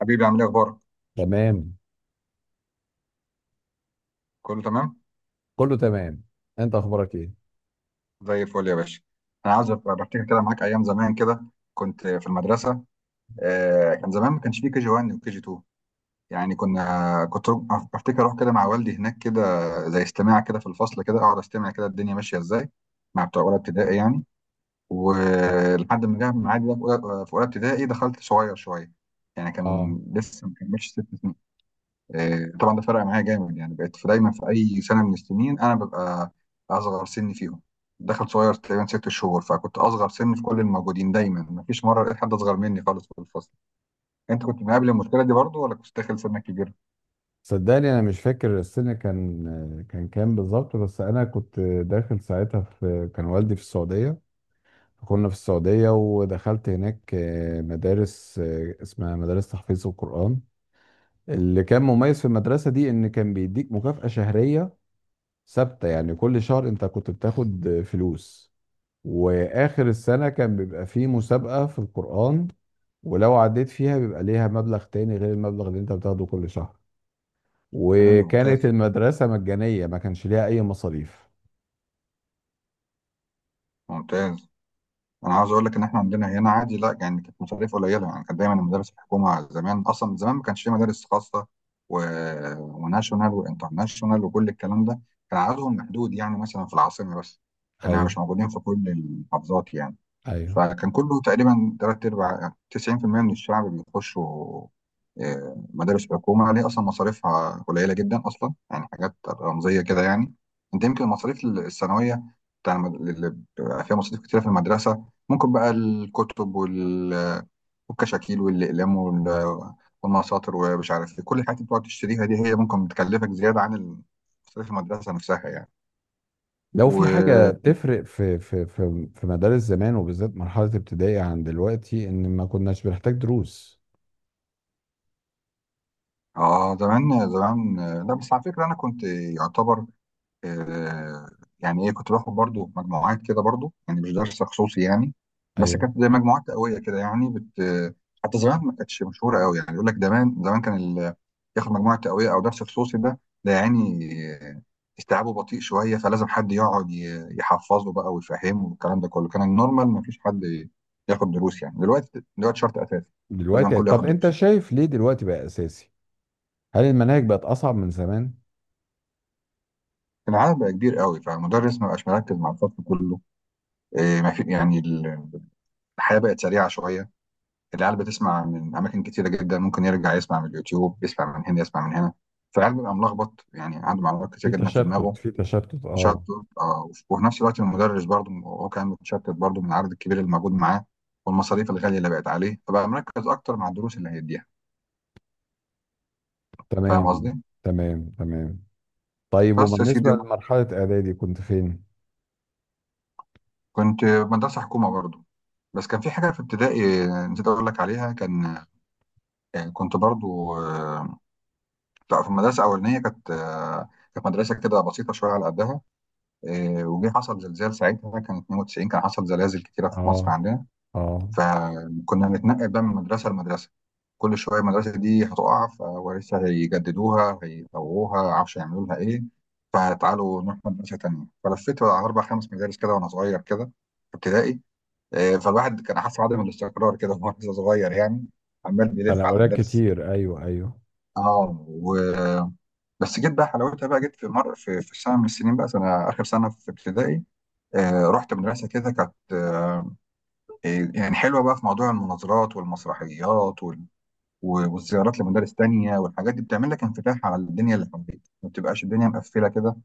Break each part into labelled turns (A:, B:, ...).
A: حبيبي عامل ايه اخبارك؟
B: تمام.
A: كله تمام،
B: كله تمام. انت اخبارك ايه؟
A: زي الفل يا باشا. انا عايز أبقى بفتكر كده معاك ايام زمان كده. كنت في المدرسه. كان زمان ما كانش فيه كي جي 1 وكي جي 2. بفتكر اروح كده مع والدي هناك كده، زي استماع كده في الفصل كده، اقعد استمع كده الدنيا ماشيه ازاي، مع بتوع اولى ابتدائي يعني. ولحد ما جه معادي بقى في اولى في أولى ابتدائي، دخلت صغير شويه، يعني
B: اه،
A: كان لسه ما كملش ست سنين. طبعا ده فرق معايا جامد، يعني بقيت دايما في اي سنه من السنين انا ببقى اصغر سن فيهم. دخل صغير تقريبا ست شهور، فكنت اصغر سن في كل الموجودين دايما، مفيش مره لقيت حد اصغر مني خالص في الفصل. انت كنت مقابل المشكله دي برضو، ولا كنت داخل سنك كبير؟
B: صدقني انا مش فاكر السنه، كان كام بالظبط، بس انا كنت داخل ساعتها، في كان والدي في السعوديه. كنا في السعوديه ودخلت هناك مدارس، اسمها مدارس تحفيظ القران. اللي كان مميز في المدرسه دي ان كان بيديك مكافاه شهريه ثابته، يعني كل شهر انت كنت بتاخد فلوس. واخر السنه كان بيبقى فيه مسابقه في القران، ولو عديت فيها بيبقى ليها مبلغ تاني غير المبلغ اللي انت بتاخده كل شهر.
A: حلو،
B: وكانت
A: ممتاز،
B: المدرسة مجانية، ما كانش ليها أي مصاريف.
A: ممتاز. انا عاوز اقول لك ان احنا عندنا هنا عادي، لا يعني كانت مصاريف قليله، يعني كانت دايما المدارس الحكومه زمان، اصلا زمان ما كانش في مدارس خاصه و... وناشونال وانترناشونال وكل الكلام ده، كان عددهم محدود، يعني مثلا في العاصمه بس، لانها
B: ايوه،
A: مش موجودين في كل المحافظات يعني.
B: ايوه.
A: فكان كله تقريبا تلات أرباع، 90% من الشعب بيخشوا مدارس حكومة، اللي هي أصلا مصاريفها قليلة جدا أصلا، يعني حاجات رمزية كده يعني. أنت يمكن المصاريف الثانوية اللي بيبقى فيها مصاريف كتيرة في المدرسة، ممكن بقى الكتب والكشاكيل والأقلام والمساطر ومش عارف إيه، كل الحاجات اللي بتقعد تشتريها دي هي ممكن بتكلفك زيادة عن مصاريف المدرسة نفسها يعني.
B: لو في حاجة
A: و
B: تفرق في مدارس زمان، وبالذات مرحلة ابتدائي، عن دلوقتي، إن ما كناش بنحتاج دروس.
A: زمان لا بس على فكرة أنا كنت يعتبر، آه، يعني ايه، كنت باخد برضو مجموعات كده برضو، يعني مش درس خصوصي يعني، بس
B: ايوه.
A: كانت زي مجموعات قويه كده يعني حتى زمان ما كانتش مشهوره قوي، يعني يقول لك زمان زمان كان ياخد مجموعه تقويه او درس خصوصي، ده يعني آه، استيعابه بطيء شويه، فلازم حد يقعد يحفظه بقى ويفهمه والكلام ده كله. كان النورمال ما فيش حد ياخد دروس، يعني دلوقتي دلوقتي شرط اساسي، لازم
B: دلوقتي،
A: الكل ياخد
B: طب أنت
A: دروس.
B: شايف ليه دلوقتي بقى أساسي؟ هل المناهج بقت أصعب من زمان؟
A: العدد بقى كبير قوي، فالمدرس ما بقاش مركز مع الفصل كله. ما في يعني الحياة بقت سريعة شوية، العيال بتسمع من أماكن كتيرة جدا، ممكن يرجع يسمع من اليوتيوب، يسمع من هنا يسمع من هنا، فالعيال بيبقى ملخبط، يعني عنده معلومات كتير
B: في
A: جدا في دماغه،
B: تشتت، في تشتت،
A: مشتت.
B: أه.
A: آه، وفي نفس الوقت المدرس برضه هو كان متشتت برضه من العدد الكبير اللي موجود معاه، والمصاريف الغالية اللي بقت عليه، فبقى مركز أكتر مع الدروس اللي هيديها. فاهم
B: تمام.
A: قصدي؟
B: تمام، تمام. طيب،
A: بس يا سيدي،
B: وبالنسبة لمرحلة إعدادي كنت فين؟
A: كنت في مدرسة حكومة برضه، بس كان في حاجة في ابتدائي نسيت أقول لك عليها. كان يعني كنت برضه، لا، في المدرسة الأولانية كانت، كانت مدرسة كده بسيطة شوية على قدها. وجه حصل زلزال ساعتها، كان 92، كان حصل زلازل كتيرة في مصر
B: اه.
A: عندنا،
B: اه.
A: فكنا بنتنقل بقى من مدرسة لمدرسة. كل شوية المدرسة دي هتقع، فلسه هيجددوها، هيطوروها، عارفش يعملوا لها ايه، فتعالوا نروح مدرسة تانية. فلفيت على أربع خمس مدارس كده وأنا صغير كده في ابتدائي. فالواحد كان حاسس بعدم الاستقرار كده وهو لسه صغير يعني، عمال بيلف على
B: تنقلات
A: مدارس.
B: كتير، ايوه ايوه.
A: اه و... بس جيت بقى حلاوتها، بقى جيت في سنة من السنين، بقى سنة آخر سنة في ابتدائي. رحت مدرسة كده كانت، يعني حلوة بقى في موضوع المناظرات والمسرحيات والزيارات لمدارس تانية والحاجات دي، بتعمل لك انفتاح على الدنيا اللي حواليك، ما بتبقاش الدنيا مقفلة كده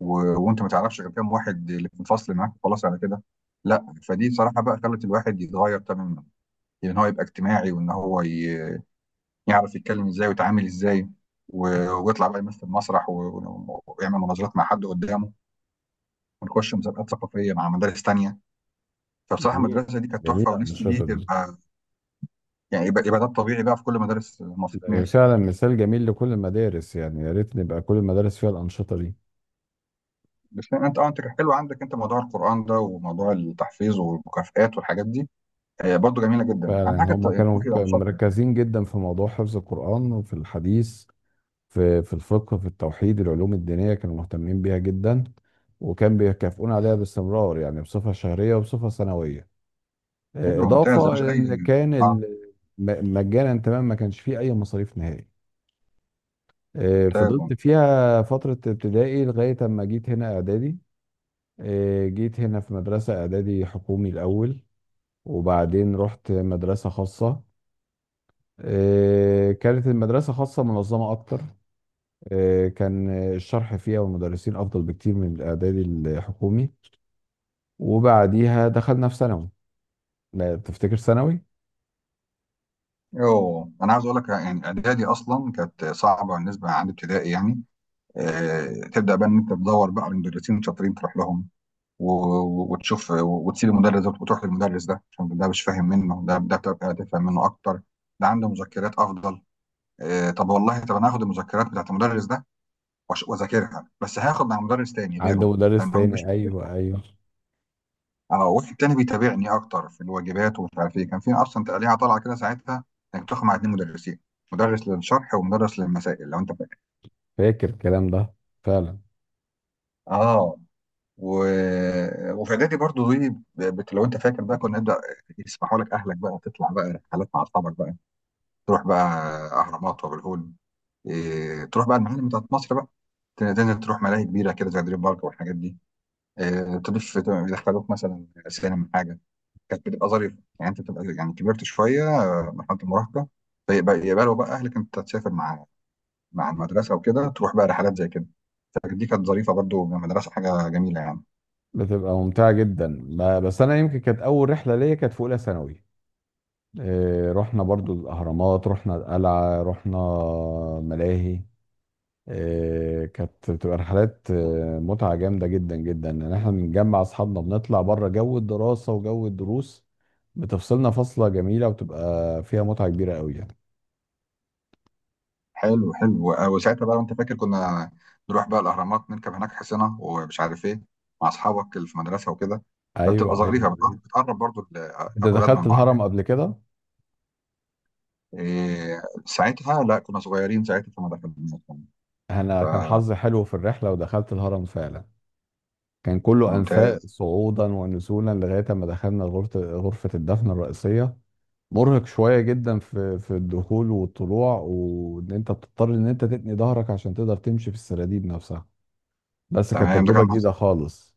A: و... وانت ما تعرفش غير كام واحد اللي في الفصل معاك، خلاص على كده. لا فدي صراحة بقى خلت الواحد يتغير تماما، يعني ان هو يبقى اجتماعي، يعرف يتكلم ازاي ويتعامل ازاي، و... ويطلع بقى يمثل مسرح ويعمل مناظرات مع حد قدامه، ونخش مسابقات ثقافية مع مدارس تانية. فبصراحه
B: جميل،
A: المدرسه دي كانت تحفه،
B: جميل
A: ونفسي دي
B: الانشطه دي.
A: تبقى يعني يبقى ده الطبيعي بقى في كل مدارس مصر،
B: ده
A: نفسي.
B: فعلا مثال جميل لكل المدارس، يعني يا ريت نبقى كل المدارس فيها الانشطه دي.
A: بس يعني انت اه، انت كان حلو عندك انت موضوع القران ده وموضوع التحفيظ والمكافآت والحاجات دي، برضه جميله جدا،
B: فعلا،
A: اهم
B: يعني
A: حاجه
B: هم
A: يعني
B: كانوا
A: تروح يبقى مثقف يعني.
B: مركزين جدا في موضوع حفظ القران وفي الحديث، في الفقه، في التوحيد. العلوم الدينيه كانوا مهتمين بيها جدا، وكان بيكافئون عليها باستمرار، يعني بصفه شهريه وبصفه سنويه.
A: حلو، ممتاز يا
B: اضافه
A: باشا،
B: إلى ان
A: اي،
B: كان
A: اه،
B: مجانا تمام، ما كانش فيه اي مصاريف نهائي.
A: ممتاز.
B: فضلت فيها فترة ابتدائي لغاية أما جيت هنا إعدادي. جيت هنا في مدرسة إعدادي حكومي الأول، وبعدين رحت مدرسة خاصة. كانت المدرسة خاصة منظمة أكتر. كان الشرح فيها والمدرسين أفضل بكتير من الإعدادي الحكومي. وبعديها دخلنا في ثانوي. لا تفتكر ثانوي.
A: يوه انا عاوز اقول لك، يعني اعدادي اصلا كانت صعبه بالنسبه عند ابتدائي يعني. تبدا بقى ان انت تدور بقى على مدرسين شاطرين تروح لهم وتشوف، وتسيب المدرس ده وتروح للمدرس ده عشان ده مش فاهم منه، ده تبقى تفهم منه اكتر، ده عنده مذكرات افضل. طب والله طب انا هاخد المذكرات بتاعت المدرس ده واذاكرها، بس هاخد مع مدرس تاني
B: عنده
A: غيره،
B: مدرس
A: لان هو مش
B: تاني،
A: مش-
B: أيوه أيوه.
A: اه واحد تاني بيتابعني اكتر في الواجبات، ومش عارف ايه. كان في اصلا تقليعه طالعه كده ساعتها، انك تاخد مع اتنين مدرسين، مدرس للشرح ومدرس للمسائل، لو انت فاكر.
B: فاكر الكلام ده، فعلا.
A: اه و... وفي اعدادي برضو دي لو انت فاكر بقى، كنا نبدا يسمحوا لك اهلك بقى تطلع بقى رحلات مع اصحابك بقى، تروح بقى اهرامات وابو الهول، إيه... تروح بقى المعالم بتاعت مصر بقى، تنزل تروح ملاهي كبيره كده زي دريم بارك والحاجات دي، إيه... تضيف يدخلوك مثلا سينما حاجه. كانت بتبقى ظريفه، يعني انت بتبقى يعني كبرت شويه، مرحله المراهقه، يبقى لو بقى اهلك انت تسافر مع المدرسه وكده، تروح بقى رحلات زي كده، فدي كانت ظريفه برضو. من المدرسه حاجه جميله يعني.
B: بتبقى ممتعة جدا، بس أنا يمكن كانت أول رحلة ليا كانت في أولى ثانوي. رحنا برضو الأهرامات، رحنا القلعة، رحنا ملاهي. كانت بتبقى رحلات، متعة جامدة جدا جدا، إن احنا بنجمع أصحابنا، بنطلع بره جو الدراسة وجو الدروس، بتفصلنا فصلة جميلة، وبتبقى فيها متعة كبيرة قوي يعني.
A: حلو، حلو، وساعتها بقى وانت فاكر، كنا نروح بقى الاهرامات، نركب هناك حصينه ومش عارف ايه، مع اصحابك اللي في المدرسه وكده،
B: أيوه
A: فبتبقى ظريفه،
B: أيوه.
A: بتقرب برضو
B: أنت
A: الاولاد من
B: دخلت
A: بعض يعني.
B: الهرم قبل كده؟
A: إيه ساعتها لا كنا صغيرين ساعتها فما دخلناش يعني.
B: أنا كان حظي حلو في الرحلة، ودخلت الهرم فعلا. كان كله أنفاق
A: ممتاز،
B: صعودا ونزولا لغاية ما دخلنا غرفة غرفة الدفن الرئيسية. مرهق شوية جدا في الدخول والطلوع، وان انت بتضطر ان انت تتني ظهرك عشان تقدر تمشي في السراديب نفسها، بس كانت
A: تمام. ده كان
B: تجربة
A: مع
B: جديدة خالص.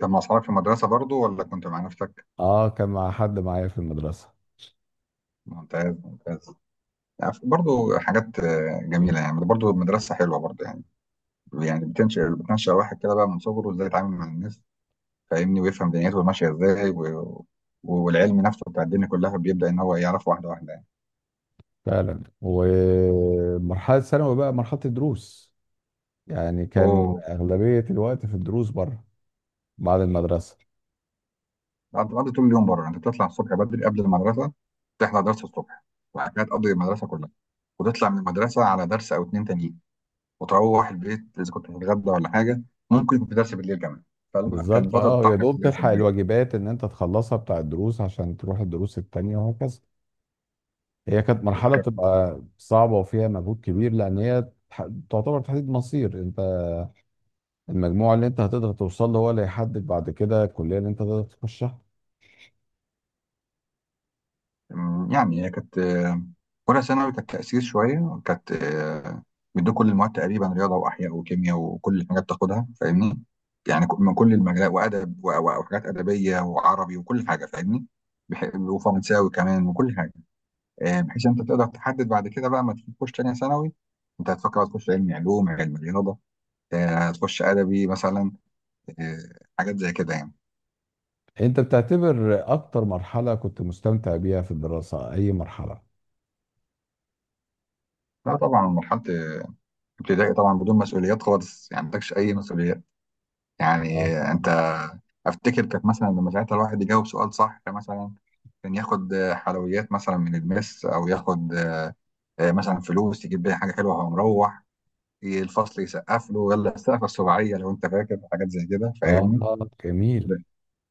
A: كان مع اصحابك في المدرسه برضو، ولا كنت مع نفسك؟
B: اه، كان مع حد معايا في المدرسة.
A: ممتاز، ممتاز، يعني برضو حاجات جميله، يعني برضو المدرسه حلوه برضو، يعني بتنشئ الواحد كده بقى من صغره ازاي يتعامل مع الناس، فاهمني، ويفهم دنيته ماشيه ازاي والعلم نفسه بتاع الدنيا كلها بيبدا ان هو يعرف واحده واحده يعني.
B: فعلا. ومرحلة ثانوي بقى مرحلة الدروس، يعني كان
A: هو
B: أغلبية الوقت في الدروس بره بعد المدرسة.
A: انت بتقضي طول اليوم بره، انت بتطلع الصبح بدري قبل المدرسه تحضر درس الصبح، وبعد كده تقضي المدرسه كلها، وتطلع من المدرسه على درس او اتنين تانيين، وتروح البيت اذا كنت هتتغدى ولا حاجه، ممكن يكون في درس بالليل كمان. فكان
B: بالظبط.
A: فتره
B: اه، يا
A: طحن
B: دوب
A: كلها
B: تلحق
A: سلبيه.
B: الواجبات ان انت تخلصها بتاع الدروس عشان تروح الدروس التانية، وهكذا. هي كانت مرحلة بتبقى صعبة وفيها مجهود كبير، لأن هي تعتبر تحديد مصير. أنت المجموع اللي أنت هتقدر توصل له هو اللي هيحدد بعد كده الكلية اللي أنت تقدر تخشها.
A: يعني هي كانت، اولى ثانوي كانت تاثير شويه كانت، بيدوك كل المواد تقريبا، رياضه واحياء وكيمياء وكل الحاجات بتاخدها، فاهمني، من كل المجالات، وادب وحاجات ادبيه وعربي وكل حاجه، فاهمني، وفرنساوي كمان وكل حاجه. بحيث انت تقدر تحدد بعد كده بقى، ما تيجي تخش تانية ثانوي، انت هتفكر بقى تخش علم علوم علم رياضه، هتخش ادبي مثلا، آه، حاجات زي كده يعني.
B: أنت بتعتبر أكتر مرحلة كنت مستمتع بيها في الدراسة أي مرحلة؟
A: لا طبعا مرحله ابتدائي طبعا، بدون مسؤوليات خالص، يعني ما عندكش اي مسؤوليات، يعني
B: اه فعلا.
A: انت افتكر كانت، مثلا لما ساعتها الواحد يجاوب سؤال صح مثلا، كان ياخد حلويات مثلا من المس، او ياخد مثلا فلوس يجيب بيها حاجه حلوه، وهو مروح الفصل يسقف له يلا السقفه السباعيه، لو انت فاكر حاجات زي كده، فاهمني،
B: جميل.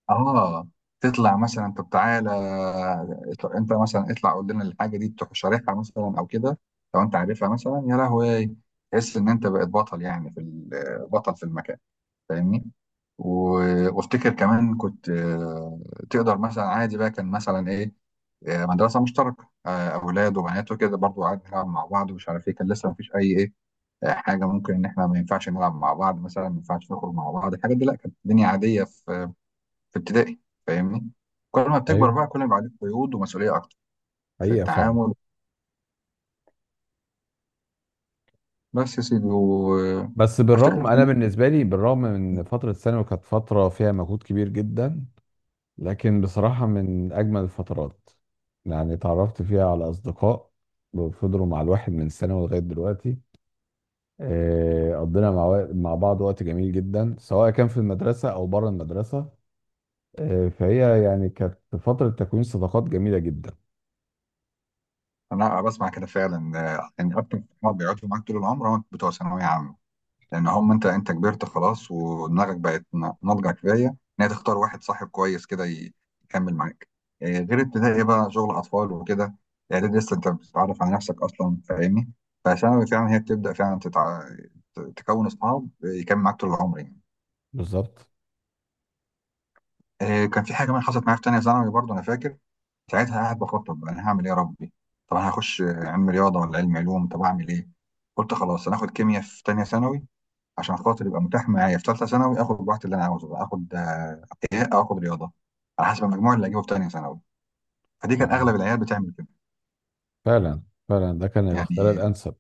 A: اه. تطلع مثلا، طب تعالى انت مثلا اطلع، قول لنا الحاجه دي، تروح شارحها مثلا او كده لو انت عارفها مثلا، يا لهوي تحس ان انت بقيت بطل، يعني بطل في المكان، فاهمني. وافتكر كمان كنت، تقدر مثلا عادي بقى، كان مثلا ايه، مدرسه مشتركه، اولاد وبنات وكده برضو عادي، نلعب مع بعض ومش عارف ايه، كان لسه مفيش اي ايه، حاجه ممكن ان احنا ما ينفعش نلعب مع بعض مثلا، ما ينفعش نخرج مع بعض، الحاجات دي لا، كانت الدنيا عاديه في في ابتدائي، فاهمني. كل ما بتكبر
B: أيوه،
A: بقى، كل ما يبقى عليك قيود ومسؤوليه اكتر في
B: حقيقة فعلا.
A: التعامل. بس يا سيدي،
B: بس
A: وافتكر
B: بالرغم،
A: في
B: أنا
A: تانية-
B: بالنسبة لي، بالرغم من فترة ثانوي كانت فترة فيها مجهود كبير جدا، لكن بصراحة من أجمل الفترات. يعني اتعرفت فيها على أصدقاء فضلوا مع الواحد من ثانوي لغاية دلوقتي. قضينا مع بعض وقت جميل جدا، سواء كان في المدرسة أو بره المدرسة. فهي يعني كانت فترة تكوين صداقات جميلة جدا.
A: انا بسمع كده فعلا، يعني اكتر ما بيقعدوا معاك طول العمر هم بتوع ثانويه عامه، لان هم انت كبرت خلاص، ودماغك بقت ناضجه كفايه ان هي تختار واحد صاحب كويس كده يكمل معاك. إيه، غير ابتدائي بقى شغل اطفال وكده، اعدادي لسه انت بتتعرف على نفسك اصلا، فاهمني، فثانوي فعلا هي بتبدا فعلا تكون اصحاب يكمل معاك طول العمر يعني.
B: بالظبط.
A: إيه، كان في حاجه كمان حصلت معايا في تانيه ثانوي برضه انا فاكر. ساعتها قاعد بخطط بقى انا هعمل ايه يا ربي؟ طب انا هخش علم رياضه ولا علم علوم؟ طب اعمل ايه؟ قلت خلاص انا هاخد كيمياء في تانيه ثانوي، عشان خاطر يبقى متاح معايا في ثالثه ثانوي اخد الوقت اللي انا عاوزه بقى، اخد ايه او اخد رياضه، على حسب المجموع اللي اجيبه في ثانيه ثانوي. فدي كان اغلب
B: تمام.
A: العيال بتعمل كده.
B: فعلا، فعلا ده كان الاختيار
A: يعني
B: الأنسب.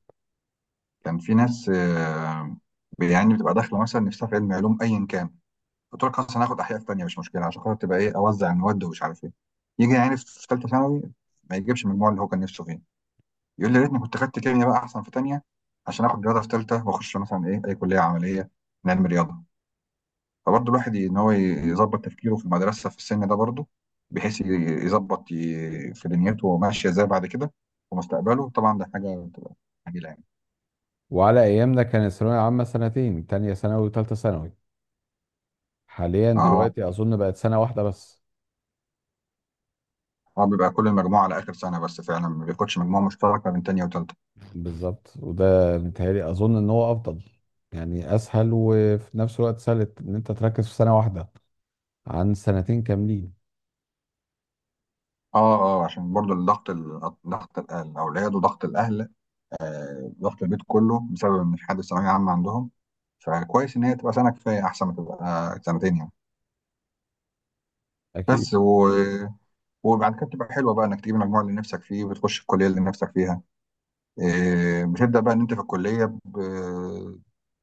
A: كان في ناس يعني بتبقى داخله مثلا نفسها في علم علوم، ايا كان قلت لك خلاص انا هاخد احياء في ثانيه مش مشكله، عشان خاطر تبقى ايه اوزع المواد ومش عارف ايه. يجي يعني في ثالثه ثانوي ما يجيبش المجموع اللي هو كان نفسه فيه، يقول لي يا ريتني كنت خدت كيمياء بقى احسن في ثانيه، عشان اخد رياضه في ثالثه واخش مثلا ايه اي كليه عمليه من علم رياضه. فبرضه الواحد ان هو يظبط تفكيره في المدرسه في السن ده برضه، بحيث يظبط في دنيته وماشيه ازاي بعد كده ومستقبله، طبعا ده حاجه بتبقى جميله يعني.
B: وعلى أيامنا كان الثانوية عامة سنتين، تانية ثانوي وتالتة ثانوي. حاليا
A: اه.
B: دلوقتي أظن بقت سنة واحدة بس.
A: اه بيبقى كل المجموعه على اخر سنه بس فعلا، ما بياخدش مجموعه مشتركه بين تانية وتالتة.
B: بالظبط، وده متهيألي أظن إن هو أفضل. يعني أسهل، وفي نفس الوقت سهل إن أنت تركز في سنة واحدة عن سنتين كاملين.
A: اه. اه عشان برضه الضغط ضغط الاولاد وضغط الاهل، ضغط البيت كله بسبب ان في حد ثانويه عامه عندهم. فكويس ان هي تبقى سنه كفايه، احسن ما تبقى سنتين يعني.
B: أكيد.
A: بس و... وبعد كده بتبقى حلوه بقى انك تجيب المجموع اللي نفسك فيه وتخش الكليه اللي نفسك فيها. بتبدأ بقى ان انت في الكلية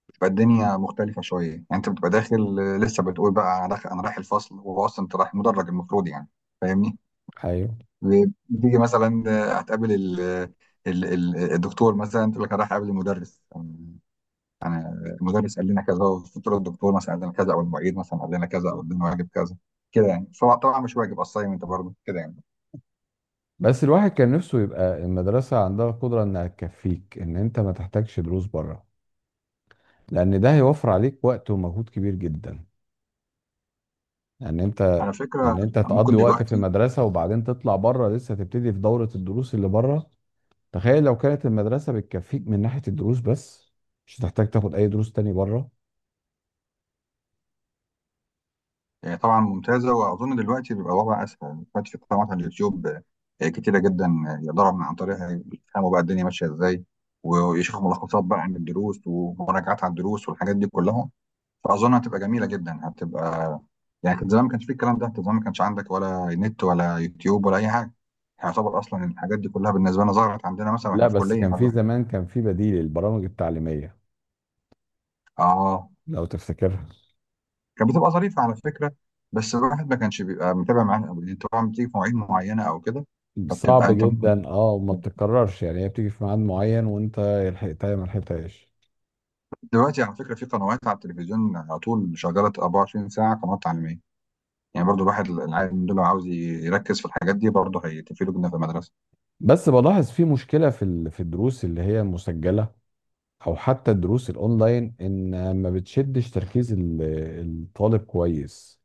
A: بتبقى الدنيا مختلفة شوية، يعني انت بتبقى داخل لسه بتقول بقى انا داخل انا رايح الفصل، وهو اصلا انت رايح مدرج المفروض يعني، فاهمني؟
B: أيوه.
A: بتيجي مثلا هتقابل الدكتور، مثلا تقول لك انا رايح اقابل المدرس، أنا المدرس قال لنا كذا، وتقول الدكتور مثلا قال لنا كذا او المعيد مثلا قال لنا كذا او ادينا واجب كذا كده يعني. طبعا مش واجب، اسايمنت برضه كده يعني.
B: بس الواحد كان نفسه يبقى المدرسة عندها قدرة إنها تكفيك إن أنت ما تحتاجش دروس بره، لأن ده هيوفر عليك وقت ومجهود كبير جدا. يعني أنت
A: على فكرة
B: إن أنت
A: ممكن
B: تقضي وقت في
A: دلوقتي
B: المدرسة وبعدين تطلع بره لسه تبتدي في دورة الدروس اللي بره. تخيل لو كانت المدرسة بتكفيك من ناحية الدروس بس، مش هتحتاج تاخد أي دروس تاني بره.
A: طبعا ممتازه، واظن دلوقتي بيبقى الوضع اسهل دلوقتي، في قنوات على اليوتيوب كتيره جدا، يقدروا من عن طريقها يفهموا بقى الدنيا ماشيه ازاي، ويشوفوا ملخصات بقى عن الدروس ومراجعات على الدروس والحاجات دي كلها. فاظن هتبقى جميله جدا هتبقى، يعني كان زمان ما كانش في الكلام ده، كان زمان ما كانش عندك ولا نت ولا يوتيوب ولا اي حاجه، يعتبر اصلا الحاجات دي كلها بالنسبه لنا ظهرت عندنا مثلا
B: لا
A: واحنا في
B: بس
A: كليه
B: كان
A: ولا
B: في
A: حاجه.
B: زمان، كان في بديل البرامج التعليمية،
A: اه
B: لو تفتكرها.
A: كانت بتبقى ظريفه على فكره، بس الواحد ما كانش بيبقى متابع معاها قوي طبعا، بتيجي في مواعيد معينه او كده. فبتبقى
B: صعب
A: انت
B: جدا اه، وما بتتكررش، يعني هي بتيجي في ميعاد معين وانت يا لحقتها يا ما لحقتهاش.
A: دلوقتي على فكره في قنوات على التلفزيون على طول شغاله 24 ساعه، قنوات تعليميه، يعني برضو الواحد العيال من دول لو عاوز يركز في الحاجات دي برضو هيتفيدوا جدا في المدرسه.
B: بس بلاحظ في مشكلة في الدروس اللي هي مسجلة او حتى الدروس الاونلاين، ان ما بتشدش تركيز الطالب كويس.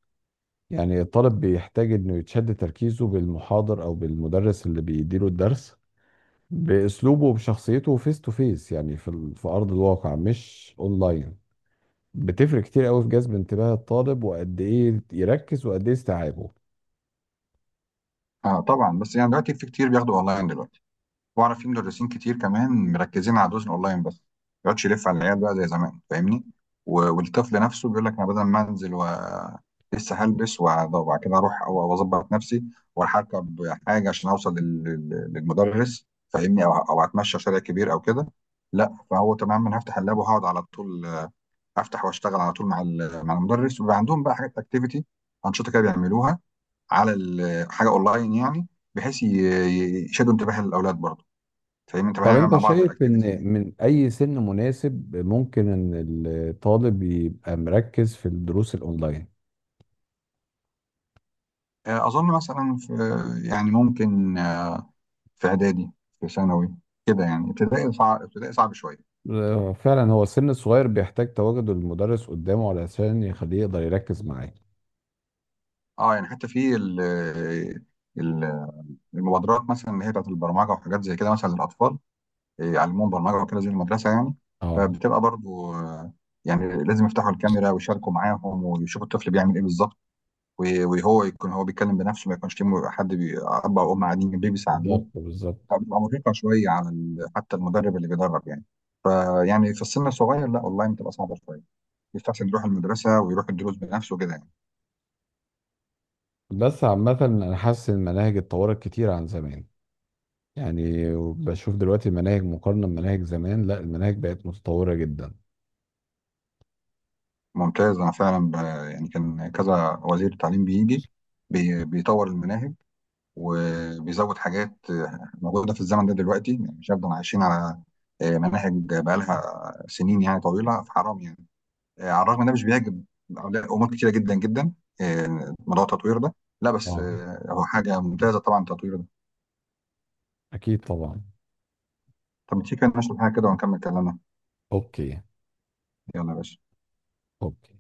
B: يعني الطالب بيحتاج انه يتشد تركيزه بالمحاضر او بالمدرس اللي بيديله الدرس باسلوبه وبشخصيته، فيس تو فيس يعني في ارض الواقع، مش اونلاين. بتفرق كتير قوي في جذب انتباه الطالب وقد ايه يركز وقد ايه استيعابه.
A: آه طبعا، بس يعني دلوقتي في كتير بياخدوا اونلاين دلوقتي، واعرف في مدرسين كتير كمان مركزين على الدروس الاونلاين بس، ما يقعدش يلف على العيال بقى زي زمان، فاهمني؟ والطفل نفسه بيقول لك انا بدل ما انزل و لسه هلبس وبعد كده اروح أو اظبط نفسي واركب حاجه عشان اوصل للمدرس، فاهمني؟ او اتمشى شارع كبير او كده، لا فهو تماما أنا هفتح اللاب وهقعد على طول، افتح واشتغل على طول مع مع المدرس. وبيبقى عندهم بقى حاجات اكتيفيتي، انشطه كده بيعملوها على حاجه اونلاين يعني، بحيث يشدوا انتباه الاولاد برضه، فاهمني؟ انت
B: طب
A: بنعمل
B: انت
A: مع بعض
B: شايف
A: الاكتيفيتي
B: ان
A: دي.
B: من اي سن مناسب ممكن ان الطالب يبقى مركز في الدروس الاونلاين؟
A: اظن مثلا في، يعني ممكن في اعدادي، في ثانوي كده يعني. ابتدائي صعب، ابتدائي صعب شويه.
B: فعلا هو السن الصغير بيحتاج تواجد المدرس قدامه علشان يخليه يقدر يركز معاه.
A: اه يعني حتى في ال- المبادرات مثلا اللي هي بتاعت البرمجه وحاجات زي كده مثلا للاطفال، يعلموهم برمجه وكده زي المدرسه يعني.
B: اه.
A: فبتبقى برضو يعني لازم يفتحوا الكاميرا ويشاركوا معاهم ويشوفوا الطفل بيعمل ايه بالظبط، وهو يكون هو بيتكلم بنفسه، ما يكونش في حد اب او ام قاعدين جنبيه بيساعدوه.
B: بالظبط، بالظبط.
A: بتبقى مرهقة شوية على حتى المدرب اللي بيدرب يعني. فيعني في السن الصغير لا، اونلاين بتبقى صعبة شوية، يستحسن يروح المدرسة ويروح الدروس بنفسه كده يعني.
B: بس عامة أنا حاسس إن المناهج اتطورت كتير عن زمان، يعني بشوف دلوقتي المناهج مقارنة بمناهج زمان، لا المناهج بقت متطورة جدا.
A: ممتاز، يعني كان كذا وزير تعليم بيجي بيطور المناهج وبيزود حاجات موجودة في الزمن ده دلوقتي، يعني مش هنفضل عايشين على مناهج بقالها سنين يعني طويلة، فحرام يعني. على الرغم إن ده مش بيعجب أمور كتيرة جدا جدا، موضوع التطوير ده، لا بس
B: اه،
A: هو حاجة ممتازة طبعا التطوير ده.
B: أكيد طبعا.
A: طب تيجي كده نشرب حاجة كده ونكمل كلامنا.
B: أوكي.
A: يلا يا باشا.
B: اوكي.